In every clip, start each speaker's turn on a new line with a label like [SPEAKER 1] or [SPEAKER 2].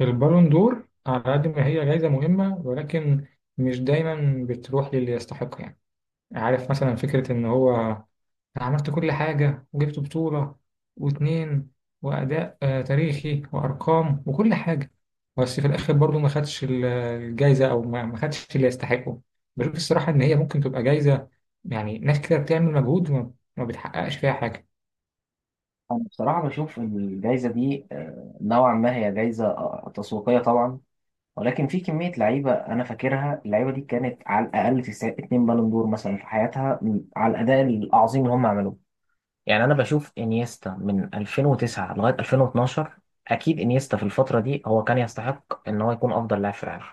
[SPEAKER 1] البالون دور على قد ما هي جايزة مهمة، ولكن مش دايما بتروح للي يستحق. يعني عارف مثلا فكرة إن هو أنا عملت كل حاجة وجبت بطولة واتنين وأداء تاريخي وأرقام وكل حاجة، بس في الآخر برضو ما خدش الجايزة أو ما خدش اللي يستحقه. بشوف الصراحة إن هي ممكن تبقى جايزة يعني ناس كده بتعمل مجهود وما ما بتحققش فيها حاجة.
[SPEAKER 2] أنا بصراحة بشوف إن الجايزة دي نوعا ما هي جايزة تسويقية طبعا، ولكن في كمية لعيبة أنا فاكرها اللعيبة دي كانت على الأقل في اتنين بالون دور مثلا في حياتها على الأداء العظيم اللي هم عملوه. يعني أنا بشوف إنيستا من 2009 لغاية 2012. أكيد إنيستا في الفترة دي هو كان يستحق إن هو يكون أفضل لاعب في العالم.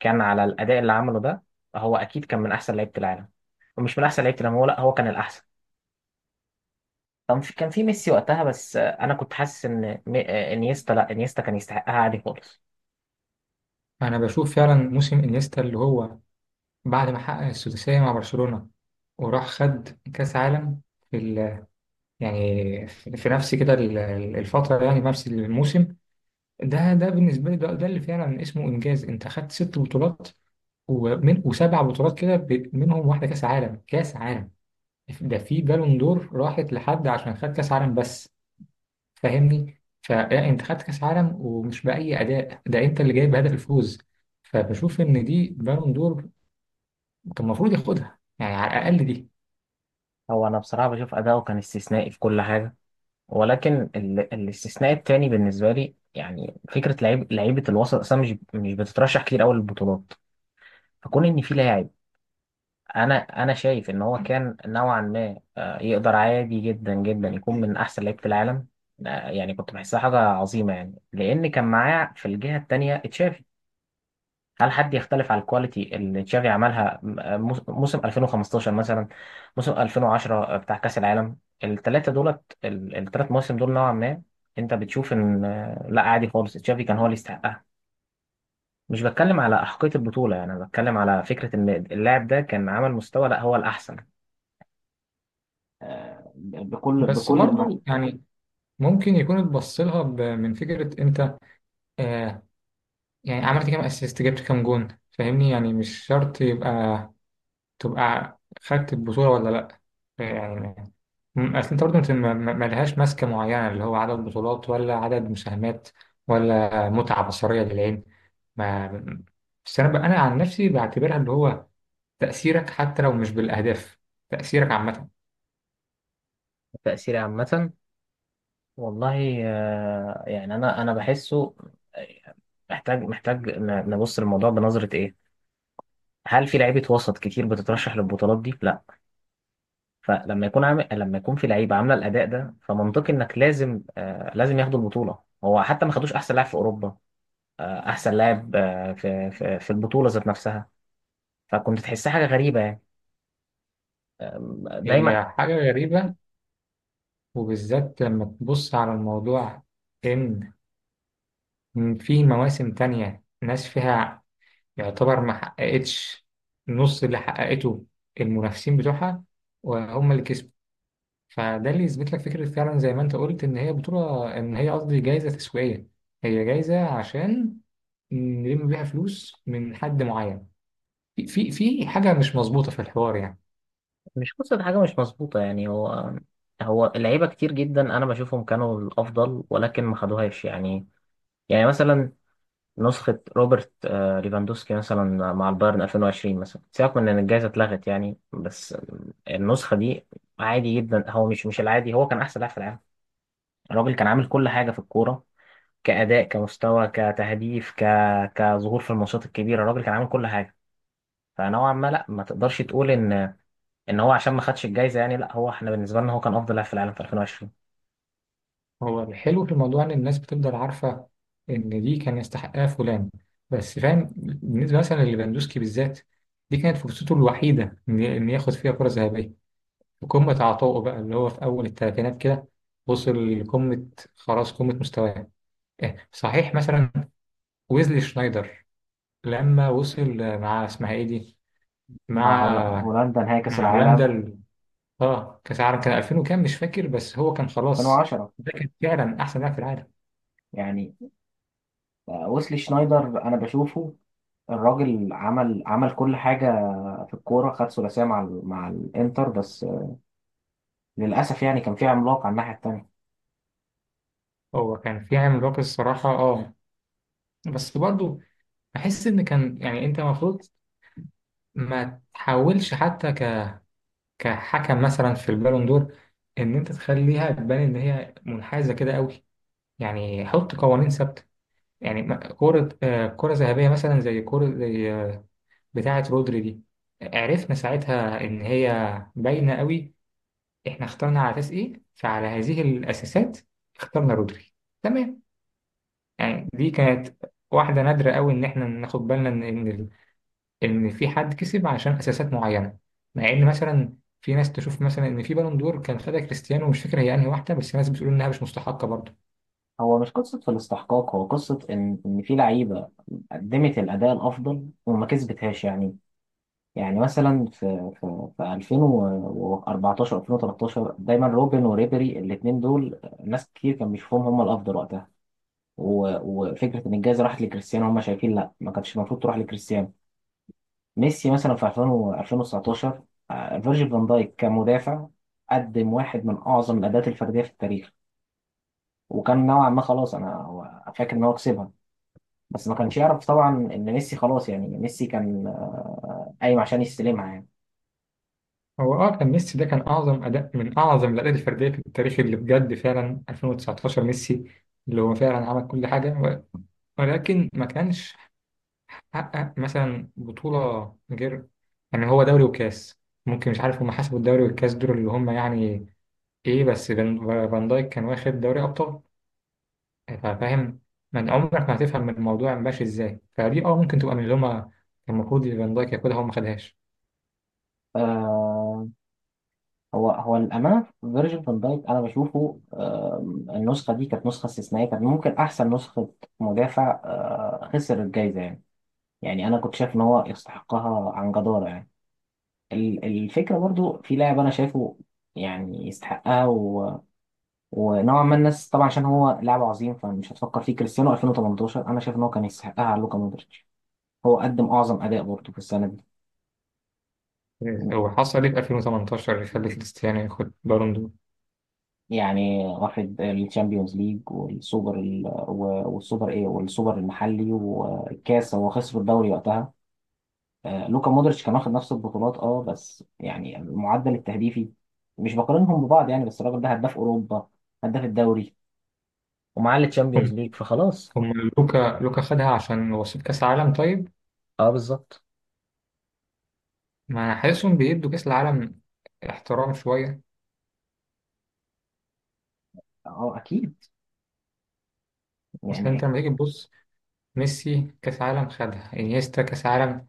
[SPEAKER 2] كان على الأداء اللي عمله ده هو أكيد كان من أحسن لعيبة العالم، ومش من أحسن لعيبة العالم، هو لا هو كان الأحسن. كان في كان في ميسي وقتها بس انا كنت حاسس ان انيستا، لا انيستا كان يستحقها عادي خالص.
[SPEAKER 1] أنا بشوف فعلا موسم إنيستا اللي هو بعد ما حقق السداسية مع برشلونة وراح خد كأس عالم في ال... يعني في نفس كده الفترة، يعني في نفس الموسم. ده بالنسبة لي ده اللي فعلا اسمه إنجاز. أنت خدت ست بطولات ومن وسبع بطولات كده، منهم واحدة كأس عالم. كأس عالم ده في بالون دور راحت لحد عشان خد كأس عالم بس. فاهمني؟ فأنت خدت كأس عالم، ومش بأي أداء، ده أنت اللي جايب هدف الفوز. فبشوف إن دي بالون دور كان المفروض ياخدها يعني على الأقل دي.
[SPEAKER 2] هو انا بصراحه بشوف اداؤه كان استثنائي في كل حاجه، ولكن الاستثناء التاني بالنسبه لي، يعني فكره لعيبه الوسط اصلا مش بتترشح كتير قوي للبطولات. فكون ان في لاعب، انا انا شايف ان هو كان نوعا ما يقدر عادي جدا جدا يكون من احسن لعيب في العالم. يعني كنت بحسها حاجه عظيمه، يعني لان كان معاه في الجهه التانيه تشافي. هل حد يختلف على الكواليتي اللي تشافي عملها موسم 2015 مثلا؟ موسم 2010 بتاع كأس العالم، الثلاثة دولت الثلاث مواسم دول نوعا ما انت بتشوف ان لا عادي خالص تشافي كان هو اللي يستحقها. مش بتكلم على أحقية البطولة، يعني أنا بتكلم على فكرة ان اللاعب ده كان عمل مستوى لا هو الأحسن بكل
[SPEAKER 1] بس
[SPEAKER 2] بكل ما.
[SPEAKER 1] برضو يعني ممكن يكون اتبص لها من فكرة انت، آه، يعني عملت كام اسيست، جبت كام جون، فاهمني؟ يعني مش شرط تبقى خدت البطولة ولا لأ. يعني اصل انت برضو انت ملهاش ماسكة معينة اللي هو عدد بطولات ولا عدد مساهمات ولا متعة بصرية للعين. ما بس انا انا عن نفسي بعتبرها اللي هو تأثيرك حتى لو مش بالأهداف، تأثيرك عامة.
[SPEAKER 2] التأثير عامة، والله يعني أنا بحسه. آه، محتاج نبص للموضوع بنظرة إيه. هل في لعيبه وسط كتير بتترشح للبطولات دي؟ لا. فلما يكون لما يكون في لعيبه عامله الاداء ده، فمنطقي انك لازم آه لازم ياخدوا البطوله. هو حتى ما خدوش احسن لاعب في اوروبا، آه احسن لاعب آه في في البطوله ذات نفسها. فكنت تحسها حاجه غريبه يعني.
[SPEAKER 1] هي
[SPEAKER 2] دايما
[SPEAKER 1] حاجة غريبة، وبالذات لما تبص على الموضوع إن في مواسم تانية ناس فيها يعتبر ما حققتش نص اللي حققته المنافسين بتوعها وهم اللي كسبوا. فده اللي يثبت لك فكرة فعلا زي ما أنت قلت إن هي بطولة، إن هي قصدي جايزة تسويقية. هي جايزة عشان نلم بيها فلوس من حد معين. في حاجة مش مظبوطة في الحوار يعني.
[SPEAKER 2] مش قصه حاجه مش مظبوطه يعني. هو اللعيبه كتير جدا انا بشوفهم كانوا الافضل، ولكن ما خدوهاش يعني. يعني مثلا نسخة روبرت ليفاندوسكي مثلا مع البايرن 2020 مثلا، سيبك من إن الجائزة اتلغت يعني، بس النسخة دي عادي جدا، هو مش العادي، هو كان أحسن لاعب في العالم. الراجل كان عامل كل حاجة في الكورة، كأداء كمستوى كتهديف كظهور في الماتشات الكبيرة، الراجل كان عامل كل حاجة. فنوعا ما لا ما تقدرش تقول إن إن هو عشان ما خدش الجائزة يعني لا، هو إحنا بالنسبة لنا هو كان أفضل لاعب في العالم في 2020.
[SPEAKER 1] هو الحلو في الموضوع ان الناس بتفضل عارفه ان دي كان يستحقها فلان. بس فاهم بالنسبه مثلا لليفاندوسكي بالذات، دي كانت فرصته الوحيده إن ياخد فيها كره ذهبيه في قمه عطائه، بقى اللي هو في اول الثلاثينات كده، وصل لقمه، خلاص قمه مستواه. إيه، صحيح مثلا ويزلي شنايدر لما وصل مع اسمها ايه دي،
[SPEAKER 2] مع
[SPEAKER 1] مع
[SPEAKER 2] هولندا نهائي كأس
[SPEAKER 1] مع هولندا
[SPEAKER 2] العالم
[SPEAKER 1] اه كاس العالم، كان 2000 وكام مش فاكر، بس هو كان خلاص
[SPEAKER 2] 2010.
[SPEAKER 1] ده كان فعلا احسن لاعب في العالم.
[SPEAKER 2] يعني ويسلي شنايدر انا بشوفه، الراجل عمل كل حاجه في الكوره، خد ثلاثيه مع مع الانتر، بس للاسف يعني كان في عملاق على الناحيه التانيه.
[SPEAKER 1] هو كان في عامل باقي الصراحة، اه، بس برضو بحس ان كان يعني انت المفروض ما تحاولش حتى كحكم مثلا في البالون دور ان انت تخليها تبان ان هي منحازة كده قوي. يعني حط قوانين ثابتة. يعني كرة كرة ذهبية مثلا زي كرة زي بتاعة رودري دي، عرفنا ساعتها ان هي باينة قوي احنا اخترنا على اساس ايه، فعلى هذه الاساسات اخترنا رودري. تمام؟ يعني دي كانت واحدة نادرة قوي إن إحنا ناخد بالنا إن في حد كسب عشان أساسات معينة. مع إن مثلا في ناس تشوف مثلا إن في بالون دور كان خدها كريستيانو، مش فاكر هي أنهي واحدة، بس ناس بتقول إنها مش مستحقة برضه.
[SPEAKER 2] هو مش قصه في الاستحقاق، هو قصه ان ان في لعيبه قدمت الاداء الافضل وما كسبتهاش يعني. يعني مثلا في 2014، 2013 دايما روبن وريبيري الاثنين دول ناس كتير كان بيشوفهم هم الافضل وقتها. وفكره ان الجائزه راحت لكريستيانو، هم شايفين لا ما كانتش المفروض تروح لكريستيانو. ميسي مثلا في 2000 و 2019 فيرجيل فان دايك كمدافع قدم واحد من اعظم الاداءات الفرديه في التاريخ، وكان نوعا ما خلاص فاكر ان هو كسبها، بس ما كانش يعرف طبعا ان ميسي خلاص يعني ميسي كان قايم عشان يستلمها يعني.
[SPEAKER 1] هو أه كان ميسي ده كان أعظم أداء من أعظم الأداءات الفردية في التاريخ اللي بجد فعلا، 2019 ميسي، اللي هو فعلا عمل كل حاجة، ولكن ما كانش حقق مثلا بطولة غير يعني هو دوري وكاس. ممكن مش عارف هم حسبوا الدوري والكاس دول اللي هم يعني ايه، بس فان دايك كان واخد دوري ابطال، فاهم؟ من عمرك ما هتفهم من الموضوع ماشي ازاي. فدي اه ممكن تبقى من اللي هما كان المفروض فان دايك ياخدها هو ما خدهاش.
[SPEAKER 2] آه، هو هو الامانه فيرجيل فان دايك انا بشوفه آه، النسخه دي كانت نسخه استثنائيه، كانت ممكن احسن نسخه مدافع آه خسر الجائزه يعني. يعني انا كنت شايف ان هو يستحقها عن جداره يعني. الفكرة برضو في لاعب أنا شايفه يعني يستحقها ونوعا ما الناس طبعا عشان هو لاعب عظيم فمش هتفكر فيه، كريستيانو 2018 أنا شايف إن هو كان يستحقها على لوكا مودريتش. هو قدم أعظم أداء برضو في السنة دي،
[SPEAKER 1] وحصل ايه في 2018 اللي خلى كريستيانو ياخد بالون دور؟
[SPEAKER 2] يعني واخد الشامبيونز ليج والسوبر والسوبر إيه والسوبر المحلي والكاس، هو خسر الدوري وقتها. لوكا مودريتش كان واخد نفس البطولات أه، بس يعني المعدل التهديفي مش بقارنهم ببعض يعني، بس الراجل ده هداف أوروبا، هداف الدوري، ومعاه التشامبيونز
[SPEAKER 1] هم
[SPEAKER 2] ليج فخلاص.
[SPEAKER 1] هم لوكا خدها عشان وصيف كاس العالم طيب.
[SPEAKER 2] اه بالظبط.
[SPEAKER 1] ما انا حاسسهم بيدوا كاس العالم احترام شويه.
[SPEAKER 2] اه اكيد.
[SPEAKER 1] اصل
[SPEAKER 2] يعني
[SPEAKER 1] انت
[SPEAKER 2] إيه؟
[SPEAKER 1] لما تيجي تبص، ميسي كاس عالم خدها، انيستا كاس عالم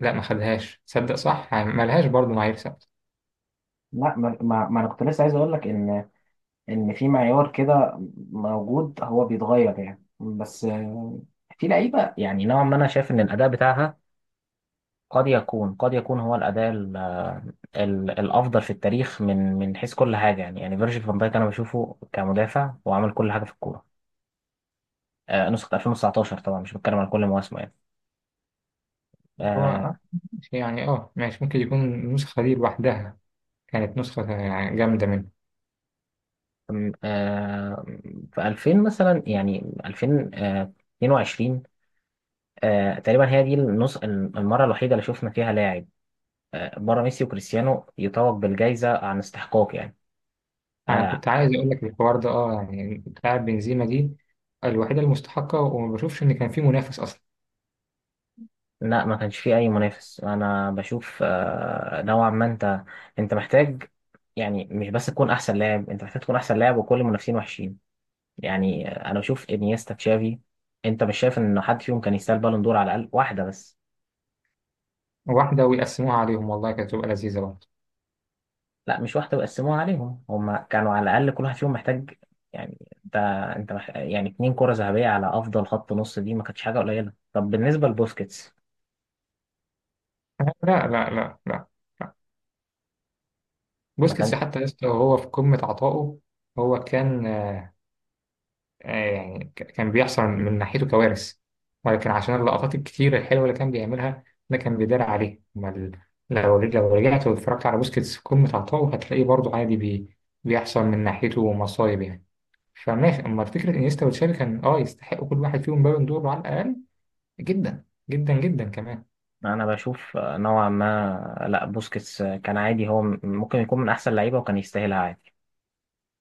[SPEAKER 1] لا ما خدهاش، تصدق صح؟ يعني ما لهاش برضه معايير.
[SPEAKER 2] لا، ما انا كنت لسه عايز اقول لك ان ان في معيار كده موجود هو بيتغير يعني، بس في لعيبه يعني نوعا ما انا شايف ان الاداء بتاعها قد يكون هو الاداء ال ال الافضل في التاريخ من حيث كل حاجه يعني. يعني فيرجيل فان دايك انا بشوفه كمدافع وعمل كل حاجه في الكوره آه، نسخه 2019 طبعا مش بتكلم على كل مواسمه يعني.
[SPEAKER 1] هو
[SPEAKER 2] آه،
[SPEAKER 1] يعني اه ماشي ممكن يكون النسخة دي لوحدها كانت نسخة يعني جامدة منه.
[SPEAKER 2] أم- آه، في 2000 مثلا يعني 2022 تقريبا هي دي النص المرة الوحيدة اللي شفنا فيها لاعب بره ميسي وكريستيانو يتوج بالجائزة عن استحقاق يعني.
[SPEAKER 1] أنا
[SPEAKER 2] آه،
[SPEAKER 1] كنت عايز أقول لك الحوار ده اه يعني بتاع بنزيما دي، الوحيدة المستحقة وما بشوفش إن كان في منافس أصلا.
[SPEAKER 2] لا ما كانش فيه أي منافس. أنا بشوف نوعا ما أنت، أنت محتاج، يعني مش بس تكون أحسن لاعب، أنت محتاج تكون أحسن لاعب وكل المنافسين وحشين يعني. أنا بشوف إنيستا تشافي، أنت مش شايف إن حد فيهم كان يستاهل بالون دور على الأقل واحدة بس؟
[SPEAKER 1] واحدة ويقسموها عليهم والله كانت تبقى لذيذة برضه.
[SPEAKER 2] لا مش واحدة وقسموها عليهم، هما كانوا على الأقل كل واحد فيهم محتاج يعني. انت انت يعني اتنين كرة ذهبية على أفضل خط نص دي ما كانتش حاجة قليلة. طب بالنسبة لبوسكيتس،
[SPEAKER 1] لا.
[SPEAKER 2] ما
[SPEAKER 1] بوسكيتس
[SPEAKER 2] كان
[SPEAKER 1] حتى لسه وهو في قمة عطائه هو كان يعني كان بيحصل من ناحيته كوارث، ولكن عشان اللقطات الكتير الحلوة اللي كان بيعملها ده كان بيدار عليه. أما لو لو رجعت واتفرجت على بوسكيتس في قمة عطائه هتلاقيه برضه عادي بي بيحصل من ناحيته مصايب يعني. فماشي، أما فكرة إنيستا وتشافي كان أه يستحقوا كل واحد فيهم بالون دور على الأقل، جدا جدا جدا كمان.
[SPEAKER 2] أنا بشوف نوعا ما لا بوسكيتس كان عادي، هو ممكن يكون من أحسن لعيبة وكان يستاهلها عادي.